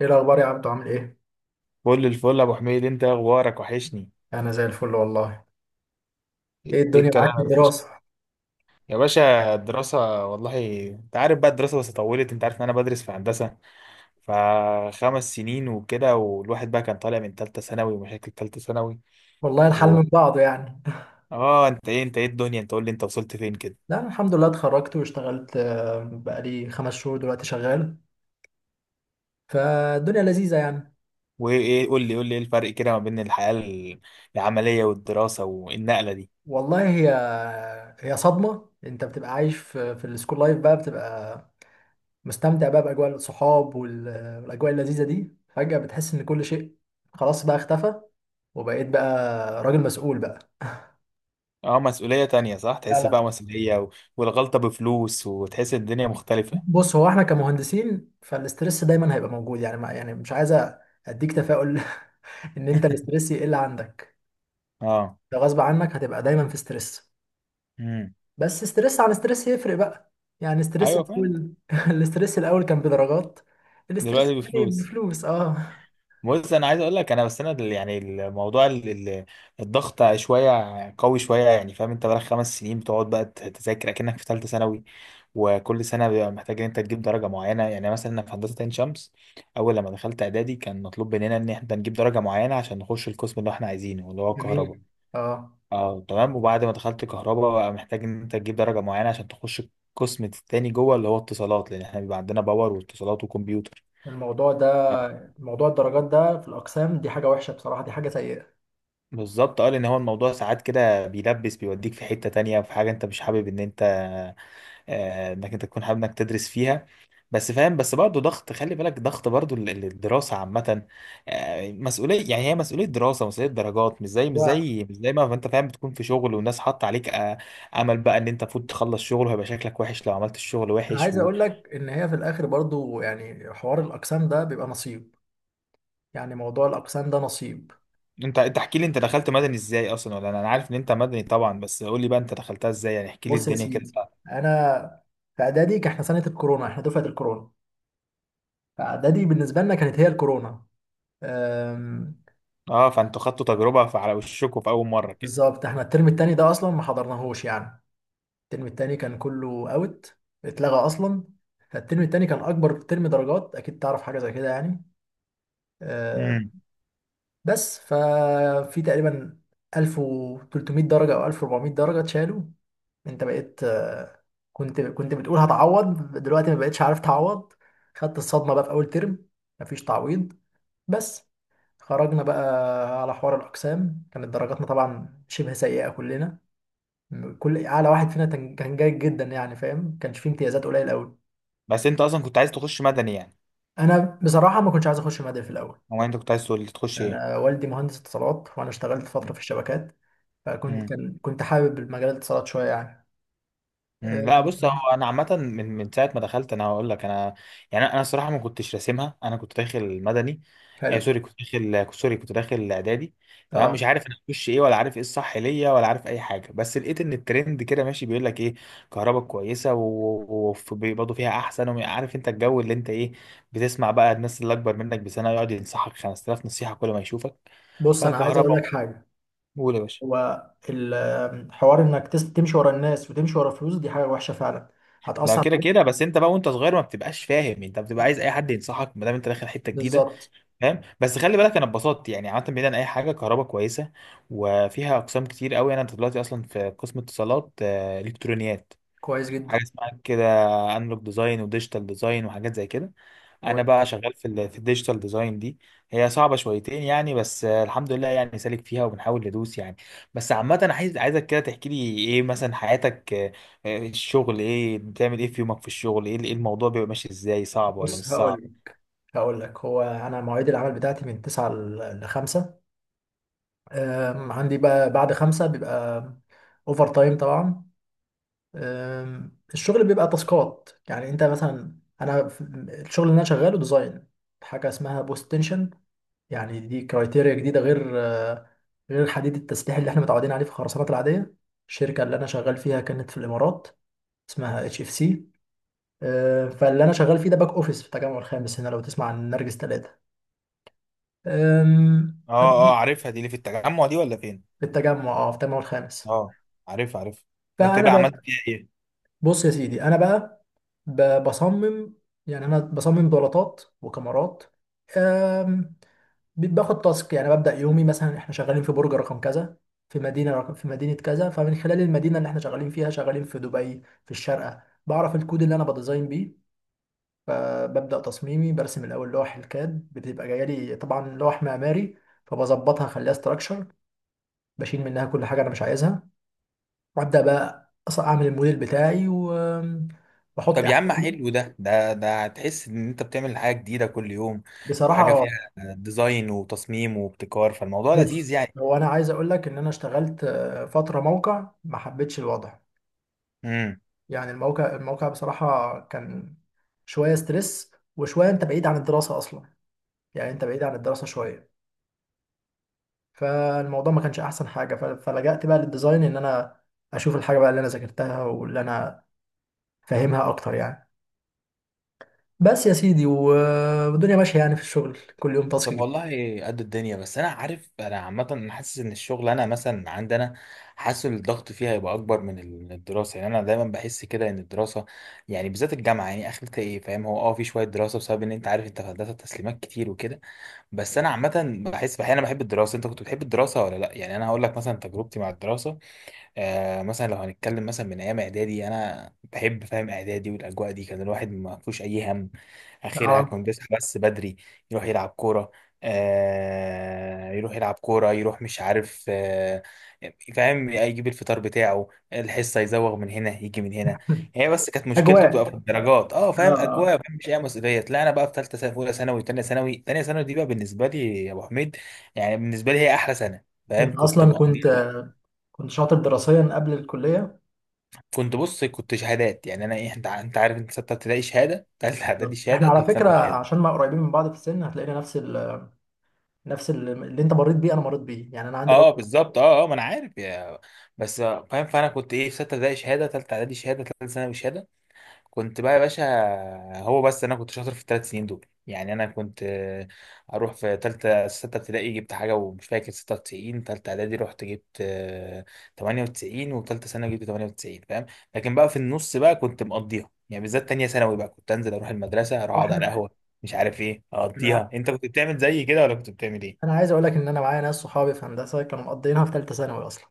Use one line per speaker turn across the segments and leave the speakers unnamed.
ايه الاخبار يا عبدو؟ عامل ايه؟
فل الفل يا ابو حميد، انت إيه اخبارك؟ وحشني.
انا زي الفل والله. ايه
ايه
الدنيا معاك
الكلام
في
يا باشا؟
الدراسه؟
يا باشا الدراسه والله. انت عارف بقى الدراسه، بس طولت. انت عارف ان انا بدرس في هندسه، فخمس سنين وكده، والواحد بقى كان طالع من ثالثه ثانوي ومشاكل ثالثه ثانوي.
والله الحال
و...
من بعضه يعني.
اه، انت ايه الدنيا، انت قول لي انت وصلت فين كده؟
لا، أنا الحمد لله اتخرجت واشتغلت، بقالي خمس شهور دلوقتي شغال. فالدنيا لذيذه يعني.
وايه؟ قول لي ايه الفرق كده ما بين الحياه العمليه والدراسه، والنقله دي؟
والله، هي صدمه. انت بتبقى عايش في السكول لايف بقى، بتبقى مستمتع بقى باجواء الصحاب والاجواء اللذيذه دي. فجاه بتحس ان كل شيء خلاص بقى اختفى، وبقيت بقى راجل مسؤول بقى.
اه، مسؤوليه تانية، صح،
لا،
تحس بقى
لا.
مسؤوليه، والغلطه بفلوس، وتحس الدنيا مختلفه.
بص، هو احنا كمهندسين فالاسترس دايما هيبقى موجود يعني، ما يعني مش عايز اديك تفاؤل ان انت الاسترس يقل عندك.
اه.
ده غصب عنك، هتبقى دايما في ستريس.
امم.
بس ستريس عن ستريس يفرق بقى. يعني ستريس
ايوه فعلا.
الاول الاسترس الاول كان بدرجات. الاسترس
دلوقتي
الثاني
بفلوس.
بفلوس، اه.
بص، انا عايز اقول لك انا، بس انا يعني الموضوع الضغط شويه، قوي شويه. يعني فاهم؟ انت بقالك خمس سنين بتقعد بقى تذاكر اكنك في ثالثه ثانوي، وكل سنه بيبقى محتاج ان انت تجيب درجه معينه. يعني مثلا أنا في هندسه عين شمس، اول لما دخلت اعدادي كان مطلوب مننا ان احنا نجيب درجه معينه عشان نخش القسم اللي احنا عايزينه، اللي هو الكهرباء.
جميل، اه.
اه تمام. وبعد ما دخلت كهرباء، بقى محتاج ان انت تجيب درجه معينه عشان تخش القسم التاني جوه، اللي هو اتصالات، لان احنا بيبقى عندنا باور واتصالات وكمبيوتر.
الموضوع ده، موضوع الدرجات ده في الاقسام دي حاجه وحشه بصراحه، دي حاجه سيئه.
بالظبط، اه. لان هو الموضوع ساعات كده بيلبس، بيوديك في حتة تانية، في حاجة انت مش حابب ان انت، انك انت تكون حابب انك تدرس فيها. بس فاهم، بس برضه ضغط. خلي بالك ضغط برضه الدراسة عامة. مسؤولية. يعني هي مسؤولية دراسة، مسؤولية درجات، مش زي مش
وانا
زي مش زي ما انت فاهم، بتكون في شغل والناس حاطة عليك امل بقى ان انت المفروض تخلص شغل، وهيبقى شكلك وحش لو عملت الشغل وحش،
عايز
وانت.
اقول لك ان هي في الاخر برضو يعني حوار الاقسام ده بيبقى نصيب. يعني موضوع الاقسام ده نصيب.
انت احكي لي، انت دخلت مدني ازاي اصلا؟ ولا انا، عارف ان انت مدني طبعا، بس قول لي بقى انت دخلتها ازاي؟ يعني احكي لي
بص يا
الدنيا كده.
سيدي، انا في اعدادي كان احنا سنه الكورونا، احنا دفعه الكورونا. فاعدادي بالنسبه لنا كانت هي الكورونا. أم،
اه، فانتوا خدتوا تجربة فعلى وشكوا في اول مرة كده؟
بالظبط، احنا الترم التاني ده اصلا ما حضرناهوش يعني. الترم التاني كان كله اوت، اتلغى اصلا. فالترم التاني كان اكبر ترم درجات، اكيد تعرف حاجه زي كده يعني.
امم.
بس ففي تقريبا 1300 درجة أو 1400 درجة اتشالوا. أنت بقيت، كنت بتقول هتعوض، دلوقتي ما بقتش عارف تعوض. خدت الصدمة بقى في أول ترم، مفيش تعويض. بس خرجنا بقى على حوار الأقسام، كانت درجاتنا طبعا شبه سيئة كلنا. كل أعلى واحد فينا كان جيد جدا يعني، فاهم، كانش فيه امتيازات، قليل أوي.
بس انت اصلا كنت عايز تخش مدني يعني؟
أنا بصراحة ما كنتش عايز أخش مدني في الأول.
او انت كنت عايز تخش ايه؟
أنا والدي مهندس اتصالات، وأنا اشتغلت فترة في الشبكات. فكنت
امم.
كان كنت حابب المجال الاتصالات شويه يعني.
لا بص، هو
آه،
انا عامه، من ساعه ما دخلت، انا هقول لك انا يعني انا الصراحه ما كنتش راسمها. انا كنت داخل مدني، آه
حلو،
سوري. كنت داخل اعدادي. تمام،
اه.
مش عارف انا هخش ايه، ولا عارف ايه الصح ليا، ولا عارف اي حاجه. بس لقيت ان الترند كده ماشي، بيقول لك ايه، كهرباء كويسه وبرضه فيها احسن. وعارف انت الجو اللي انت ايه، بتسمع بقى الناس اللي اكبر منك بسنه يقعد ينصحك 5000 نصيحه كل ما يشوفك،
بص
بقى
انا عايز اقول لك
كهرباء.
حاجه،
قول يا باشا.
هو الحوار انك تمشي ورا الناس وتمشي ورا فلوس دي حاجه وحشه فعلا،
ده
هتاثر
كده
عليك.
كده، بس انت بقى وانت صغير ما بتبقاش فاهم. انت بتبقى عايز اي حد ينصحك ما دام انت داخل حته جديده.
بالظبط.
فاهم؟ بس خلي بالك، انا اتبسطت يعني عامه. بعيدا عن اي حاجه، كهرباء كويسه وفيها اقسام كتير قوي. انا دلوقتي اصلا في قسم اتصالات، الكترونيات.
كويس جدا.
حاجه اسمها كده، انلوج ديزاين وديجيتال ديزاين وحاجات زي كده. انا بقى
كويس.
شغال في الديجيتال ديزاين دي. هي صعبه شويتين يعني، بس الحمد لله، يعني سالك فيها وبنحاول ندوس يعني. بس عامه انا عايزك كده تحكي لي ايه مثلا حياتك، الشغل ايه؟ بتعمل ايه في يومك في الشغل؟ ايه؟ إيه الموضوع بيبقى ماشي ازاي؟ صعب ولا مش
بص
صعب؟
هقول لك، هو انا مواعيد العمل بتاعتي من 9 ل 5. عندي بقى بعد 5 بيبقى اوفر تايم طبعا. الشغل بيبقى تاسكات، يعني انت مثلا الشغل اللي انا شغاله ديزاين، حاجه اسمها بوست تنشن. يعني دي كرايتيريا جديده غير، غير حديد التسليح اللي احنا متعودين عليه في الخرسانات العاديه. الشركه اللي انا شغال فيها كانت في الامارات، اسمها اتش اف سي. فاللي انا شغال فيه ده باك اوفيس في التجمع الخامس هنا، لو تسمع عن نرجس ثلاثة.
اه اه، عارفها دي، اللي في التجمع دي ولا فين؟
في التجمع، اه، في التجمع الخامس.
اه، عارف عارف. وانت
فانا،
بقى عملت فيها ايه؟
بص يا سيدي، انا بقى بصمم، يعني انا بصمم بلاطات وكاميرات. آم، باخد تاسك، يعني ببدأ يومي مثلا احنا شغالين في برج رقم كذا، في مدينة كذا. فمن خلال المدينة اللي احنا شغالين فيها، شغالين في دبي في الشارقة، بعرف الكود اللي انا بديزاين بيه. فببدأ تصميمي برسم الاول لوح الكاد، بتبقى جايه لي طبعا لوح معماري، فبظبطها اخليها استراكشر. بشيل منها كل حاجة انا مش عايزها، وابدأ بقى اعمل الموديل بتاعي واحط
طب يا عم،
احلام.
حلو ده. هتحس ان انت بتعمل حاجه جديده كل يوم،
بصراحة
وحاجه فيها
اه.
ديزاين وتصميم وابتكار. فالموضوع
بص،
لذيذ يعني.
هو أنا عايز أقول لك إن أنا اشتغلت، فترة موقع، ما حبيتش الوضع.
امم.
يعني الموقع، بصراحة كان شوية ستريس، وشوية أنت بعيد عن الدراسة أصلا. يعني أنت بعيد عن الدراسة شوية، فالموضوع ما كانش أحسن حاجة. فلجأت بقى للديزاين إن أنا أشوف الحاجة بقى اللي أنا ذاكرتها واللي أنا فاهمها أكتر يعني. بس يا سيدي، والدنيا ماشية يعني، في الشغل كل يوم تاسك
طب
جديد.
والله، قد الدنيا. بس انا عارف، انا عامه انا حاسس ان الشغل، انا مثلا عندنا، حاسس إن الضغط فيها هيبقى اكبر من من الدراسه. يعني انا دايما بحس كده ان الدراسه يعني بالذات الجامعه يعني اخرتها ايه، فاهم؟ هو اه، في شويه دراسه بسبب ان انت عارف، انت في هندسه تسليمات كتير وكده. بس انا عامه بحس احيانا بحب الدراسه. انت كنت بتحب الدراسه ولا لا؟ يعني انا هقول لك مثلا تجربتي مع الدراسه، آه، مثلا لو هنتكلم مثلا من ايام اعدادي. انا بحب، فاهم، اعدادي والاجواء دي، كان الواحد ما فيهوش اي هم. اخرها
اه.
كان بيصحى بس بدري، يروح يلعب كوره، يروح يلعب كوره، يروح مش عارف فاهم، يجيب الفطار بتاعه، الحصه يزوغ من هنا يجي من هنا. هي بس كانت مشكلته بتبقى
أجواء،
في الدرجات. اه،
اه،
فاهم،
آه.
اجواء، فاهم، مش اي مسؤوليه. لا، انا بقى في ثالثه ثانوي، اولى ثانوي، ثانيه ثانوي دي بقى بالنسبه لي يا ابو حميد، يعني بالنسبه لي هي احلى سنه. فاهم؟
أنت
كنت
أصلا كنت،
مقضيها.
شاطر دراسيا قبل الكلية.
كنت، بص، كنت شهادات. يعني انا ايه، انت انت عارف، انت سته ابتدائي شهاده، ثالثه اعدادي
بالظبط، احنا
شهاده،
على
ثالثه
فكرة،
ثانوي شهاده.
عشان ما قريبين من بعض في السن، هتلاقينا نفس اللي انت مريت بيه انا مريت بيه يعني، انا عندي
اه
برضه
بالظبط اه. اه، ما انا عارف يا، بس فاهم. فانا كنت ايه، في سته ابتدائي شهاده، ثالثه اعدادي شهاده، ثالثه ثانوي شهاده. كنت بقى يا باشا، هو بس انا كنت شاطر في الثلاث سنين دول. يعني انا كنت اروح في ثالثه سته ابتدائي جبت حاجه ومش فاكر 96، ثالثه اعدادي رحت جبت 98، وثالثه ثانوي جبت 98، فاهم. لكن بقى في النص بقى كنت مقضيها يعني، بالذات تانية ثانوي بقى كنت انزل، اروح المدرسه، اروح
واحد.
اقعد على القهوه، مش عارف ايه،
انا
اقضيها. انت كنت بتعمل زي كده، ولا كنت بتعمل ايه؟
انا عايز اقول لك ان انا معايا ناس صحابي في هندسة كانوا مقضيينها في ثالثة ثانوي اصلا،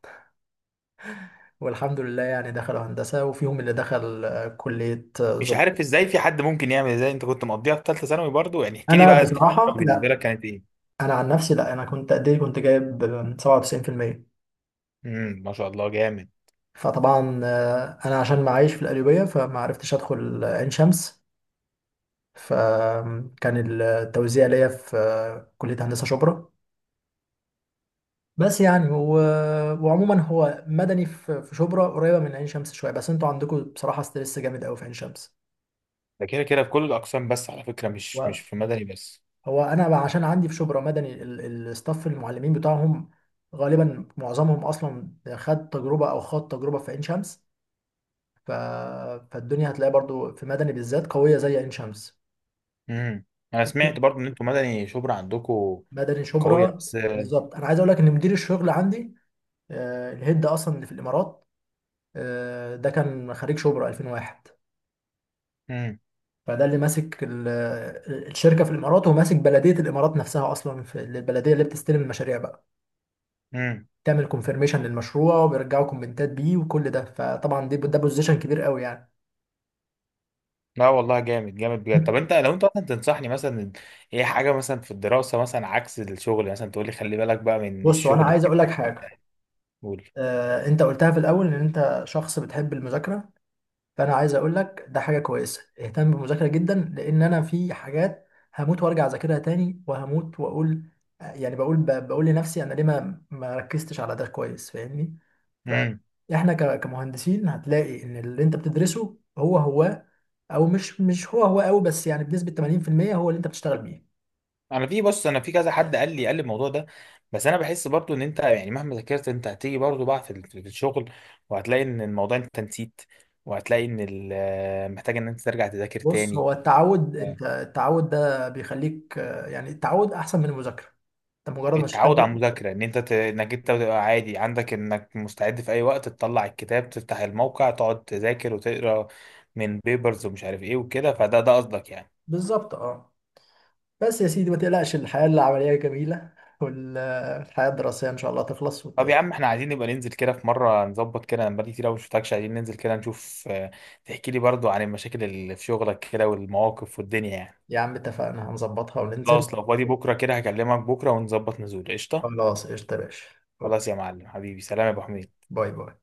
والحمد لله يعني دخلوا هندسة، وفيهم اللي دخل كلية
مش
زب.
عارف ازاي في حد ممكن يعمل زي، انت كنت مقضيها في ثالثه ثانوي برضو. يعني احكي لي
انا
بقى، تالتة
بصراحة
ثانوي بالنسبه
لا،
لك كانت ايه؟
انا عن نفسي لا. انا كنت قد ايه؟ كنت جايب 97%.
امم، ما شاء الله، جامد.
فطبعا، انا عشان معايش في القليوبية فما عرفتش ادخل عين شمس، فكان التوزيع ليا في كلية هندسة شبرا. بس يعني، وعموما، هو مدني في شبرا قريبة من عين شمس شوية، بس انتوا عندكم بصراحة ستريس جامد قوي في عين شمس.
ده كده كده في كل الأقسام، بس على فكرة مش
هو،
مش في مدني بس.
انا بقى عشان عندي في شبرا مدني، الستاف المعلمين بتاعهم غالبا معظمهم اصلا خد تجربة او خد تجربة في عين شمس. ف... فالدنيا هتلاقي برضو في مدني بالذات قوية زي عين شمس.
امم. أنا سمعت برضو إن أنتوا مدني شبرا عندكم
مدني
قوية.
شبرا.
بس
بالظبط، انا عايز اقول لك ان مدير الشغل عندي، الهيد اصلا اللي في الامارات، ده كان خريج شبرا 2001.
امم.
فده اللي ماسك الشركه في الامارات، وماسك بلديه الامارات نفسها. اصلا في البلديه اللي بتستلم المشاريع بقى،
امم.
تعمل كونفيرميشن للمشروع، وبيرجعوا كومنتات بيه، وكل ده. فطبعا ده بوزيشن كبير قوي يعني.
لا والله، جامد جامد، بجد. طب، أنت لو أنت مثلا تنصحني مثلا، إيه حاجة مثلا في الدراسة مثلا عكس الشغل، مثلا تقول لي خلي بالك بقى من
بص، وانا
الشغل
عايز
كده.
اقول لك حاجه.
قول.
انت قلتها في الاول ان انت شخص بتحب المذاكره. فانا عايز اقول لك، ده حاجه كويسه، اهتم بالمذاكره جدا، لان انا في حاجات هموت وارجع اذاكرها تاني، وهموت واقول. يعني بقول، بقول لنفسي، انا ليه ما ركزتش على ده كويس فاهمني؟
امم.
فاحنا كمهندسين هتلاقي ان اللي انت بتدرسه هو هو، او مش هو هو قوي، بس يعني بنسبه 80% هو اللي انت بتشتغل بيه.
أنا في، بص، أنا في كذا حد قال لي، الموضوع ده. بس أنا بحس برضو إن أنت يعني مهما ذاكرت أنت هتيجي برضو بقى في الشغل، وهتلاقي إن الموضوع أنت نسيت، وهتلاقي إن محتاج إن أنت ترجع تذاكر
بص،
تاني.
هو التعود، انت
آه.
التعود ده بيخليك، يعني التعود احسن من المذاكره. انت مجرد ما
التعود على
تشتغل.
المذاكرة، ان انت انك انت تبقى عادي عندك انك مستعد في اي وقت تطلع الكتاب، تفتح الموقع، تقعد تذاكر وتقرا من بيبرز ومش عارف ايه وكده، فده ده قصدك يعني.
بالظبط، اه. بس يا سيدي ما تقلقش، الحياة العملية جميلة، والحياة الدراسية إن شاء الله تخلص
طب يا عم، احنا عايزين نبقى ننزل كده في مرة نظبط كده. انا بقالي كتير قوي ما شفتكش. عايزين ننزل كده نشوف، تحكي لي برضو عن المشاكل اللي في شغلك كده والمواقف والدنيا يعني.
يا عم اتفقنا هنظبطها وننزل.
خلاص، لو فاضي بكرة كده هكلمك بكرة ونظبط نزول. قشطة.
خلاص قشطة يا باشا.
خلاص
أوكي.
يا معلم حبيبي، سلام يا ابو حميد.
باي باي.